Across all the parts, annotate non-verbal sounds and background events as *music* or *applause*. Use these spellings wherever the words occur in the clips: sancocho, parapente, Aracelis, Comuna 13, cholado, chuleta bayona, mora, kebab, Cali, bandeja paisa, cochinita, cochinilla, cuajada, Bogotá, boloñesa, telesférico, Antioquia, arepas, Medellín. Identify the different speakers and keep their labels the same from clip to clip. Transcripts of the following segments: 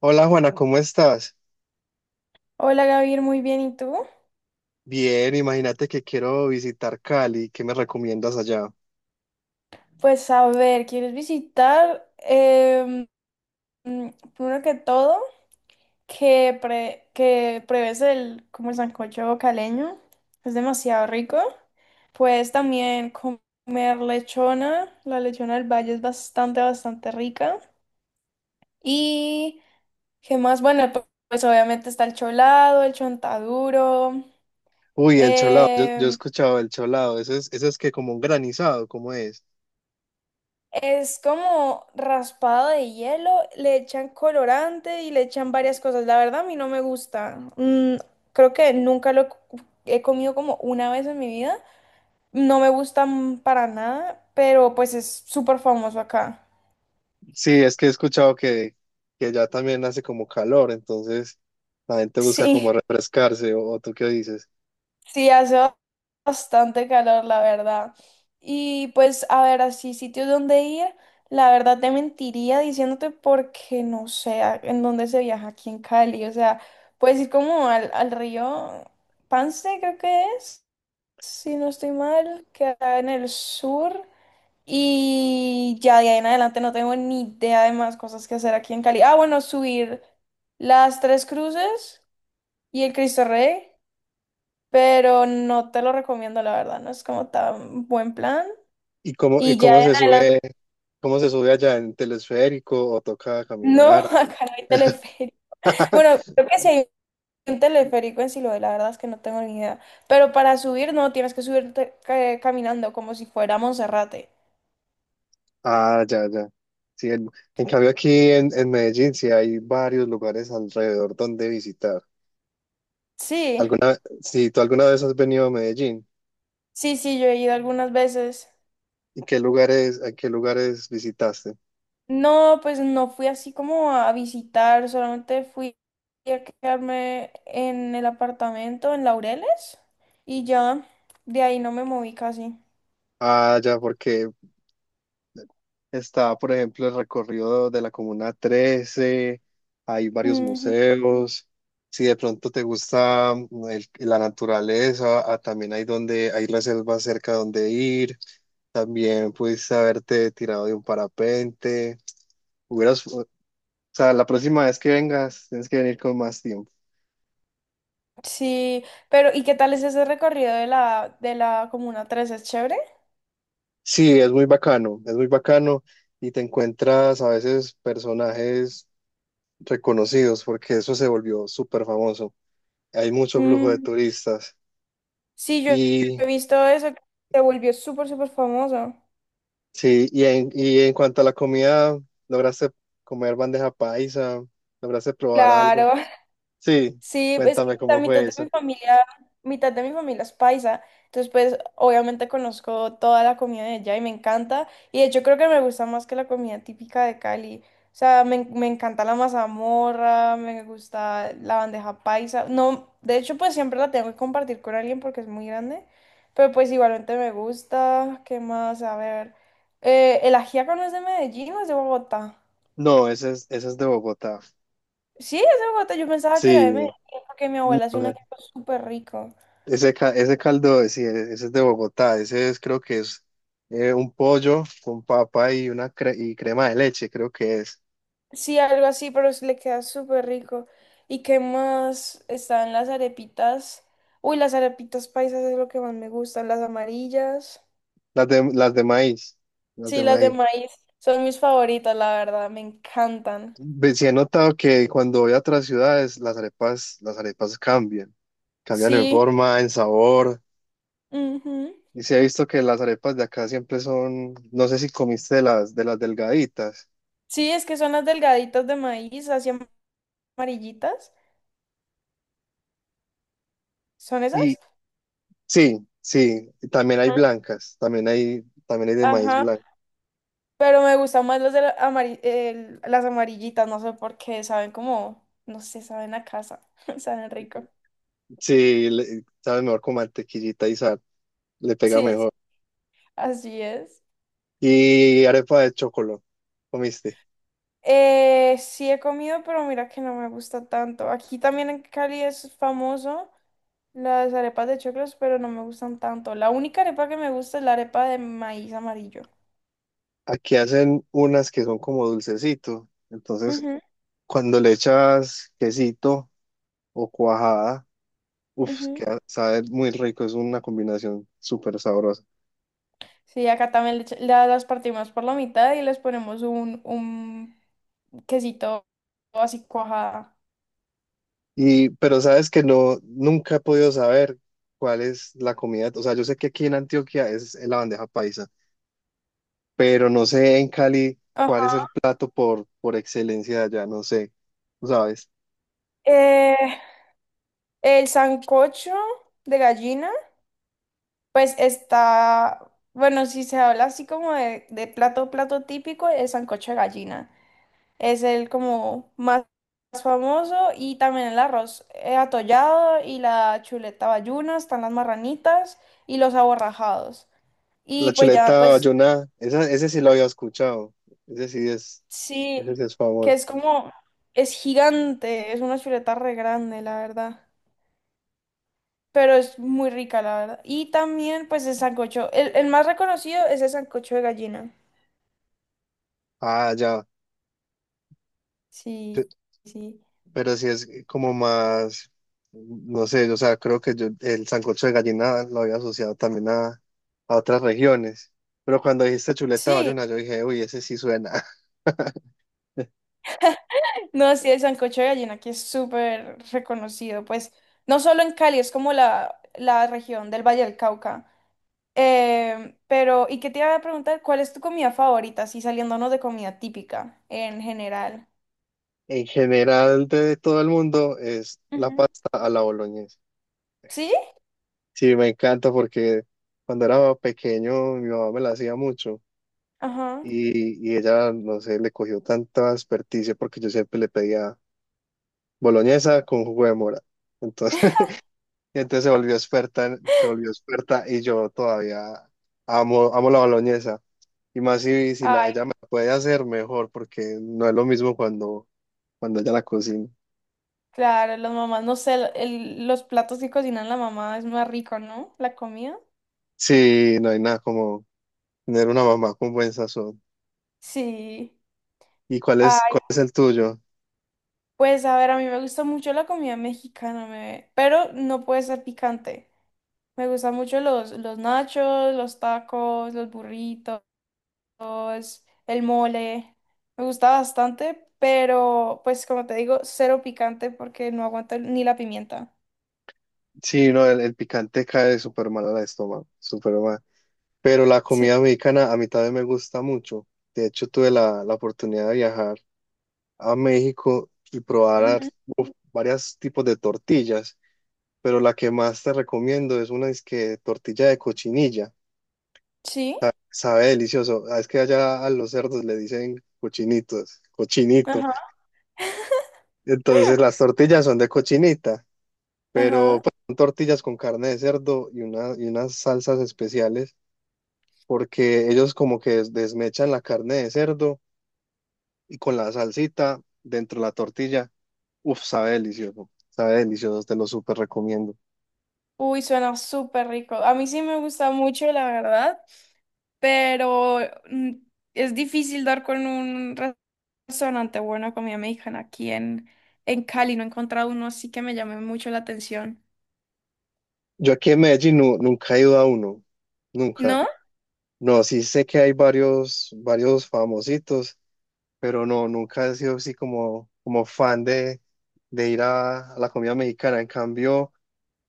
Speaker 1: Hola Juana, ¿cómo estás?
Speaker 2: Hola Gabriel, muy bien, ¿y tú?
Speaker 1: Bien, imagínate que quiero visitar Cali, ¿qué me recomiendas allá?
Speaker 2: Pues a ver, ¿quieres visitar? Mm, Primero que todo, que, que pruebes como el sancocho caleño, es demasiado rico. Puedes también comer lechona, la lechona del valle es bastante, bastante rica. Y, ¿qué más? Bueno, pues, obviamente está el cholado, el chontaduro,
Speaker 1: Uy, el cholado, yo he
Speaker 2: em,
Speaker 1: escuchado el cholado, eso es que como un granizado, ¿cómo es?
Speaker 2: es como raspado de hielo, le echan colorante y le echan varias cosas. La verdad, a mí no me gusta. Creo que nunca he comido como una vez en mi vida. No me gusta para nada, pero pues es súper famoso acá.
Speaker 1: Sí, es que he escuchado que allá también hace como calor, entonces la gente busca como
Speaker 2: Sí.
Speaker 1: refrescarse, o tú qué dices.
Speaker 2: Sí, hace bastante calor, la verdad. Y pues, a ver, así sitios donde ir, la verdad te mentiría diciéndote porque no sé en dónde se viaja aquí en Cali. O sea, puedes ir como al río Pance, creo que es, si no estoy mal, que está en el sur. Y ya de ahí en adelante no tengo ni idea de más cosas que hacer aquí en Cali. Ah, bueno, subir las Tres Cruces y el Cristo Rey, pero no te lo recomiendo, la verdad, no es como tan buen plan.
Speaker 1: Y
Speaker 2: Y ya en adelante,
Speaker 1: cómo se sube allá en telesférico o toca
Speaker 2: no, *laughs*
Speaker 1: caminar?
Speaker 2: acá no hay teleférico. Bueno,
Speaker 1: *laughs*
Speaker 2: creo que sí hay un teleférico en Siloé, la verdad es que no tengo ni idea. Pero para subir, no, tienes que subirte caminando como si fuera Monserrate.
Speaker 1: Ah, ya, ya. Sí, en cambio aquí en Medellín sí hay varios lugares alrededor donde visitar.
Speaker 2: Sí,
Speaker 1: ¿Alguna, si tú alguna vez has venido a Medellín,
Speaker 2: sí, sí, yo he ido algunas veces.
Speaker 1: ¿y qué lugares, a qué lugares visitaste?
Speaker 2: No, pues no fui así como a visitar, solamente fui a quedarme en el apartamento en Laureles y ya de ahí no me moví casi.
Speaker 1: Ah, ya, porque está, por ejemplo, el recorrido de la Comuna 13, hay varios
Speaker 2: Ujú.
Speaker 1: museos. Si de pronto te gusta la naturaleza, ah, también hay donde hay reservas cerca donde ir. También pudiste haberte tirado de un parapente. Hubieras, o sea, la próxima vez que vengas, tienes que venir con más tiempo.
Speaker 2: Sí, pero ¿y qué tal es ese recorrido de la Comuna 3? ¿Es chévere?
Speaker 1: Sí, es muy bacano y te encuentras a veces personajes reconocidos porque eso se volvió súper famoso. Hay mucho flujo de
Speaker 2: Mm,
Speaker 1: turistas
Speaker 2: sí, yo he
Speaker 1: y
Speaker 2: visto eso, que se volvió súper, súper famoso.
Speaker 1: sí, y y en cuanto a la comida, ¿lograste comer bandeja paisa? ¿Lograste probar algo?
Speaker 2: Claro.
Speaker 1: Sí,
Speaker 2: Sí, es que
Speaker 1: cuéntame
Speaker 2: la
Speaker 1: cómo
Speaker 2: mitad
Speaker 1: fue
Speaker 2: de
Speaker 1: eso.
Speaker 2: mi familia, mitad de mi familia es paisa, entonces pues obviamente conozco toda la comida de allá y me encanta, y de hecho creo que me gusta más que la comida típica de Cali. O sea, me encanta la mazamorra, me gusta la bandeja paisa, no, de hecho pues siempre la tengo que compartir con alguien porque es muy grande, pero pues igualmente me gusta. ¿Qué más? A ver, ¿el ajiaco no es de Medellín o es de Bogotá?
Speaker 1: No, ese es de Bogotá.
Speaker 2: Sí, es de Bogotá, yo pensaba que era de Medellín
Speaker 1: Sí,
Speaker 2: porque mi abuela hace un
Speaker 1: no,
Speaker 2: ajiaco súper rico.
Speaker 1: Ese caldo, sí, e, ese es de Bogotá, ese es, creo que es un pollo con papa y una y crema de leche, creo que es.
Speaker 2: Sí, algo así, pero le queda súper rico. ¿Y qué más? Están las arepitas. Uy, las arepitas paisas es lo que más me gustan, las amarillas.
Speaker 1: Las de maíz, las de
Speaker 2: Sí, las de
Speaker 1: maíz.
Speaker 2: maíz son mis favoritas, la verdad, me encantan.
Speaker 1: Sí he notado que cuando voy a otras ciudades, las arepas cambian, cambian en
Speaker 2: Sí,
Speaker 1: forma, en sabor.
Speaker 2: ujú.
Speaker 1: Y sí he visto que las arepas de acá siempre son, no sé si comiste de de las delgaditas.
Speaker 2: Sí, es que son las delgaditas de maíz, así amarillitas. ¿Son
Speaker 1: Y
Speaker 2: esas?
Speaker 1: sí, sí, y también hay
Speaker 2: Ujú.
Speaker 1: blancas, también hay de maíz
Speaker 2: Ajá,
Speaker 1: blanco.
Speaker 2: pero me gustan más las de las amarillitas, no sé por qué, saben como, no sé, saben a casa, *laughs* saben rico.
Speaker 1: Sí, sabe mejor con mantequillita y sal, le pega
Speaker 2: Sí.
Speaker 1: mejor.
Speaker 2: Así es.
Speaker 1: Y arepa de chocolate, ¿comiste?
Speaker 2: Sí he comido, pero mira que no me gusta tanto. Aquí también en Cali es famoso las arepas de choclos, pero no me gustan tanto. La única arepa que me gusta es la arepa de maíz amarillo.
Speaker 1: Aquí hacen unas que son como dulcecito, entonces
Speaker 2: Ujú,
Speaker 1: cuando le echas quesito o cuajada, uff,
Speaker 2: ujú.
Speaker 1: queda, sabe muy rico, es una combinación súper sabrosa.
Speaker 2: Sí, acá también las partimos por la mitad y les ponemos un quesito así cuajada.
Speaker 1: Y, pero sabes que no, nunca he podido saber cuál es la comida, o sea, yo sé que aquí en Antioquia es la bandeja paisa pero no sé en Cali cuál es
Speaker 2: Ajá.
Speaker 1: el plato por excelencia de allá, no sé, ¿tú ¿sabes?
Speaker 2: Eh, el sancocho de gallina. Pues está, bueno, si se habla así como de plato, plato típico, el sancocho de gallina. Es el como más famoso y también el arroz atollado y la chuleta bayuna, están las marranitas y los aborrajados. Y
Speaker 1: La
Speaker 2: pues ya,
Speaker 1: chuleta
Speaker 2: pues
Speaker 1: bayona, esa, ese sí lo había escuchado, ese sí es,
Speaker 2: sí,
Speaker 1: ese sí es
Speaker 2: que
Speaker 1: famoso.
Speaker 2: es como, es gigante, es una chuleta re grande, la verdad. Pero es muy rica, la verdad. Y también, pues, el sancocho. El más reconocido es el sancocho de gallina.
Speaker 1: Ah, ya,
Speaker 2: Sí,
Speaker 1: pe-
Speaker 2: sí.
Speaker 1: pero sí es como más, no sé, o sea, creo que yo el sancocho de gallina lo había asociado también a otras regiones. Pero cuando dijiste chuleta
Speaker 2: Sí,
Speaker 1: bayona, yo dije, uy, ese sí suena. *laughs*
Speaker 2: no, sí, el sancocho de gallina que es súper reconocido, pues no solo en Cali, es como la región del Valle del Cauca. Pero, ¿y qué te iba a preguntar? ¿Cuál es tu comida favorita? Así saliéndonos de comida típica en general.
Speaker 1: En general de todo el mundo es la
Speaker 2: Ujú.
Speaker 1: pasta a la boloñesa.
Speaker 2: ¿Sí?
Speaker 1: Sí, me encanta porque cuando era pequeño mi mamá me la hacía mucho
Speaker 2: Ajá.
Speaker 1: y ella, no sé, le cogió tanta experticia porque yo siempre le pedía boloñesa con jugo de mora. Entonces, *laughs* y entonces se volvió experta, se volvió experta y yo todavía amo, amo la boloñesa. Y más si
Speaker 2: Ay,
Speaker 1: ella me la puede hacer mejor porque no es lo mismo cuando ella la cocina.
Speaker 2: claro, las mamás, no sé, los platos que cocinan la mamá es más rico, ¿no? La comida.
Speaker 1: Sí, no hay nada como tener una mamá con buen sazón.
Speaker 2: Sí.
Speaker 1: ¿Y cuál es el tuyo?
Speaker 2: Pues a ver, a mí me gusta mucho la comida mexicana, pero no puede ser picante. Me gustan mucho los nachos, los tacos, los burritos, el mole. Me gusta bastante, pero pues como te digo, cero picante porque no aguanto ni la pimienta.
Speaker 1: Sí, no, el picante cae súper mal al estómago, súper mal. Pero la
Speaker 2: Sí.
Speaker 1: comida mexicana a mí también me gusta mucho. De hecho, tuve la oportunidad de viajar a México y probar
Speaker 2: Ujú.
Speaker 1: varios tipos de tortillas, pero la que más te recomiendo es una es que tortilla de cochinilla.
Speaker 2: Sí.
Speaker 1: Sabe delicioso. Ah, es que allá a los cerdos le dicen cochinitos, cochinito.
Speaker 2: Ajá.
Speaker 1: Entonces las
Speaker 2: *laughs*
Speaker 1: tortillas son de cochinita, pero
Speaker 2: Ajá.
Speaker 1: pues, son tortillas con carne de cerdo y unas salsas especiales porque ellos como que desmechan la carne de cerdo y con la salsita dentro de la tortilla, uff, sabe delicioso, te lo súper recomiendo.
Speaker 2: Uy, suena súper rico. A mí sí me gusta mucho, la verdad, pero mm, es difícil dar con un restaurante bueno de comida mexicana aquí en Cali. No he encontrado uno así que me llame mucho la atención.
Speaker 1: Yo aquí en Medellín nunca he ido a uno, nunca.
Speaker 2: ¿No?
Speaker 1: No, sí sé que hay varios, varios famositos, pero no, nunca he sido así como, como fan de ir a la comida mexicana. En cambio,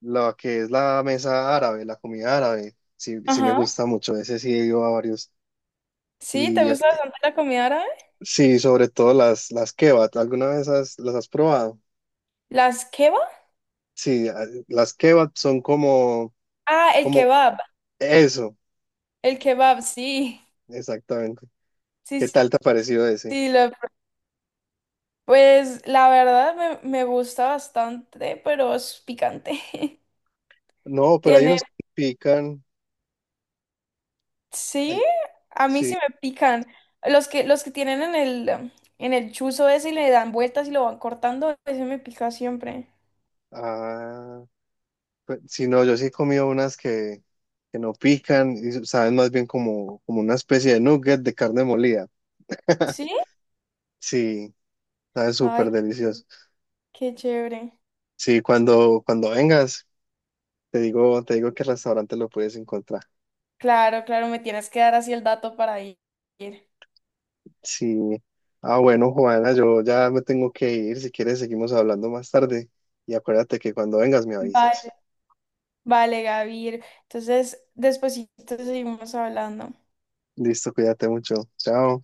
Speaker 1: lo que es la mesa árabe, la comida árabe, sí, sí me
Speaker 2: Ajá.
Speaker 1: gusta mucho, ese sí he ido a varios.
Speaker 2: Sí, ¿te
Speaker 1: Y
Speaker 2: gusta bastante la comida árabe?
Speaker 1: sí, sobre todo las kebab. ¿Alguna vez las has probado?
Speaker 2: ¿Las kebab?
Speaker 1: Sí, las kebab son como,
Speaker 2: Ah, el
Speaker 1: como
Speaker 2: kebab.
Speaker 1: eso,
Speaker 2: El kebab, sí.
Speaker 1: exactamente.
Speaker 2: Sí,
Speaker 1: ¿Qué
Speaker 2: sí,
Speaker 1: tal te ha parecido ese?
Speaker 2: sí, lo pues la verdad me gusta bastante, pero es picante. *laughs*
Speaker 1: No, pero hay
Speaker 2: Tiene,
Speaker 1: unos que pican.
Speaker 2: sí,
Speaker 1: Hay-
Speaker 2: a mí
Speaker 1: sí,
Speaker 2: sí me pican. Los que tienen en en el chuzo ese y le dan vueltas y lo van cortando, ese me pica siempre.
Speaker 1: ah, pues, sí, no, yo sí he comido unas que no pican y saben más bien como, como una especie de nugget de carne molida. *laughs*
Speaker 2: ¿Sí?
Speaker 1: Sí, sabe súper
Speaker 2: Ay,
Speaker 1: delicioso.
Speaker 2: qué chévere.
Speaker 1: Sí, cuando vengas, te digo qué restaurante lo puedes encontrar.
Speaker 2: Claro, claro, me tienes que dar así el dato para ir.
Speaker 1: Sí. Ah, bueno, Juana, yo ya me tengo que ir. Si quieres, seguimos hablando más tarde. Y acuérdate que cuando vengas me
Speaker 2: Vale,
Speaker 1: avisas.
Speaker 2: vale, Gavir. Entonces, despuesito seguimos hablando.
Speaker 1: Listo, cuídate mucho. Chao.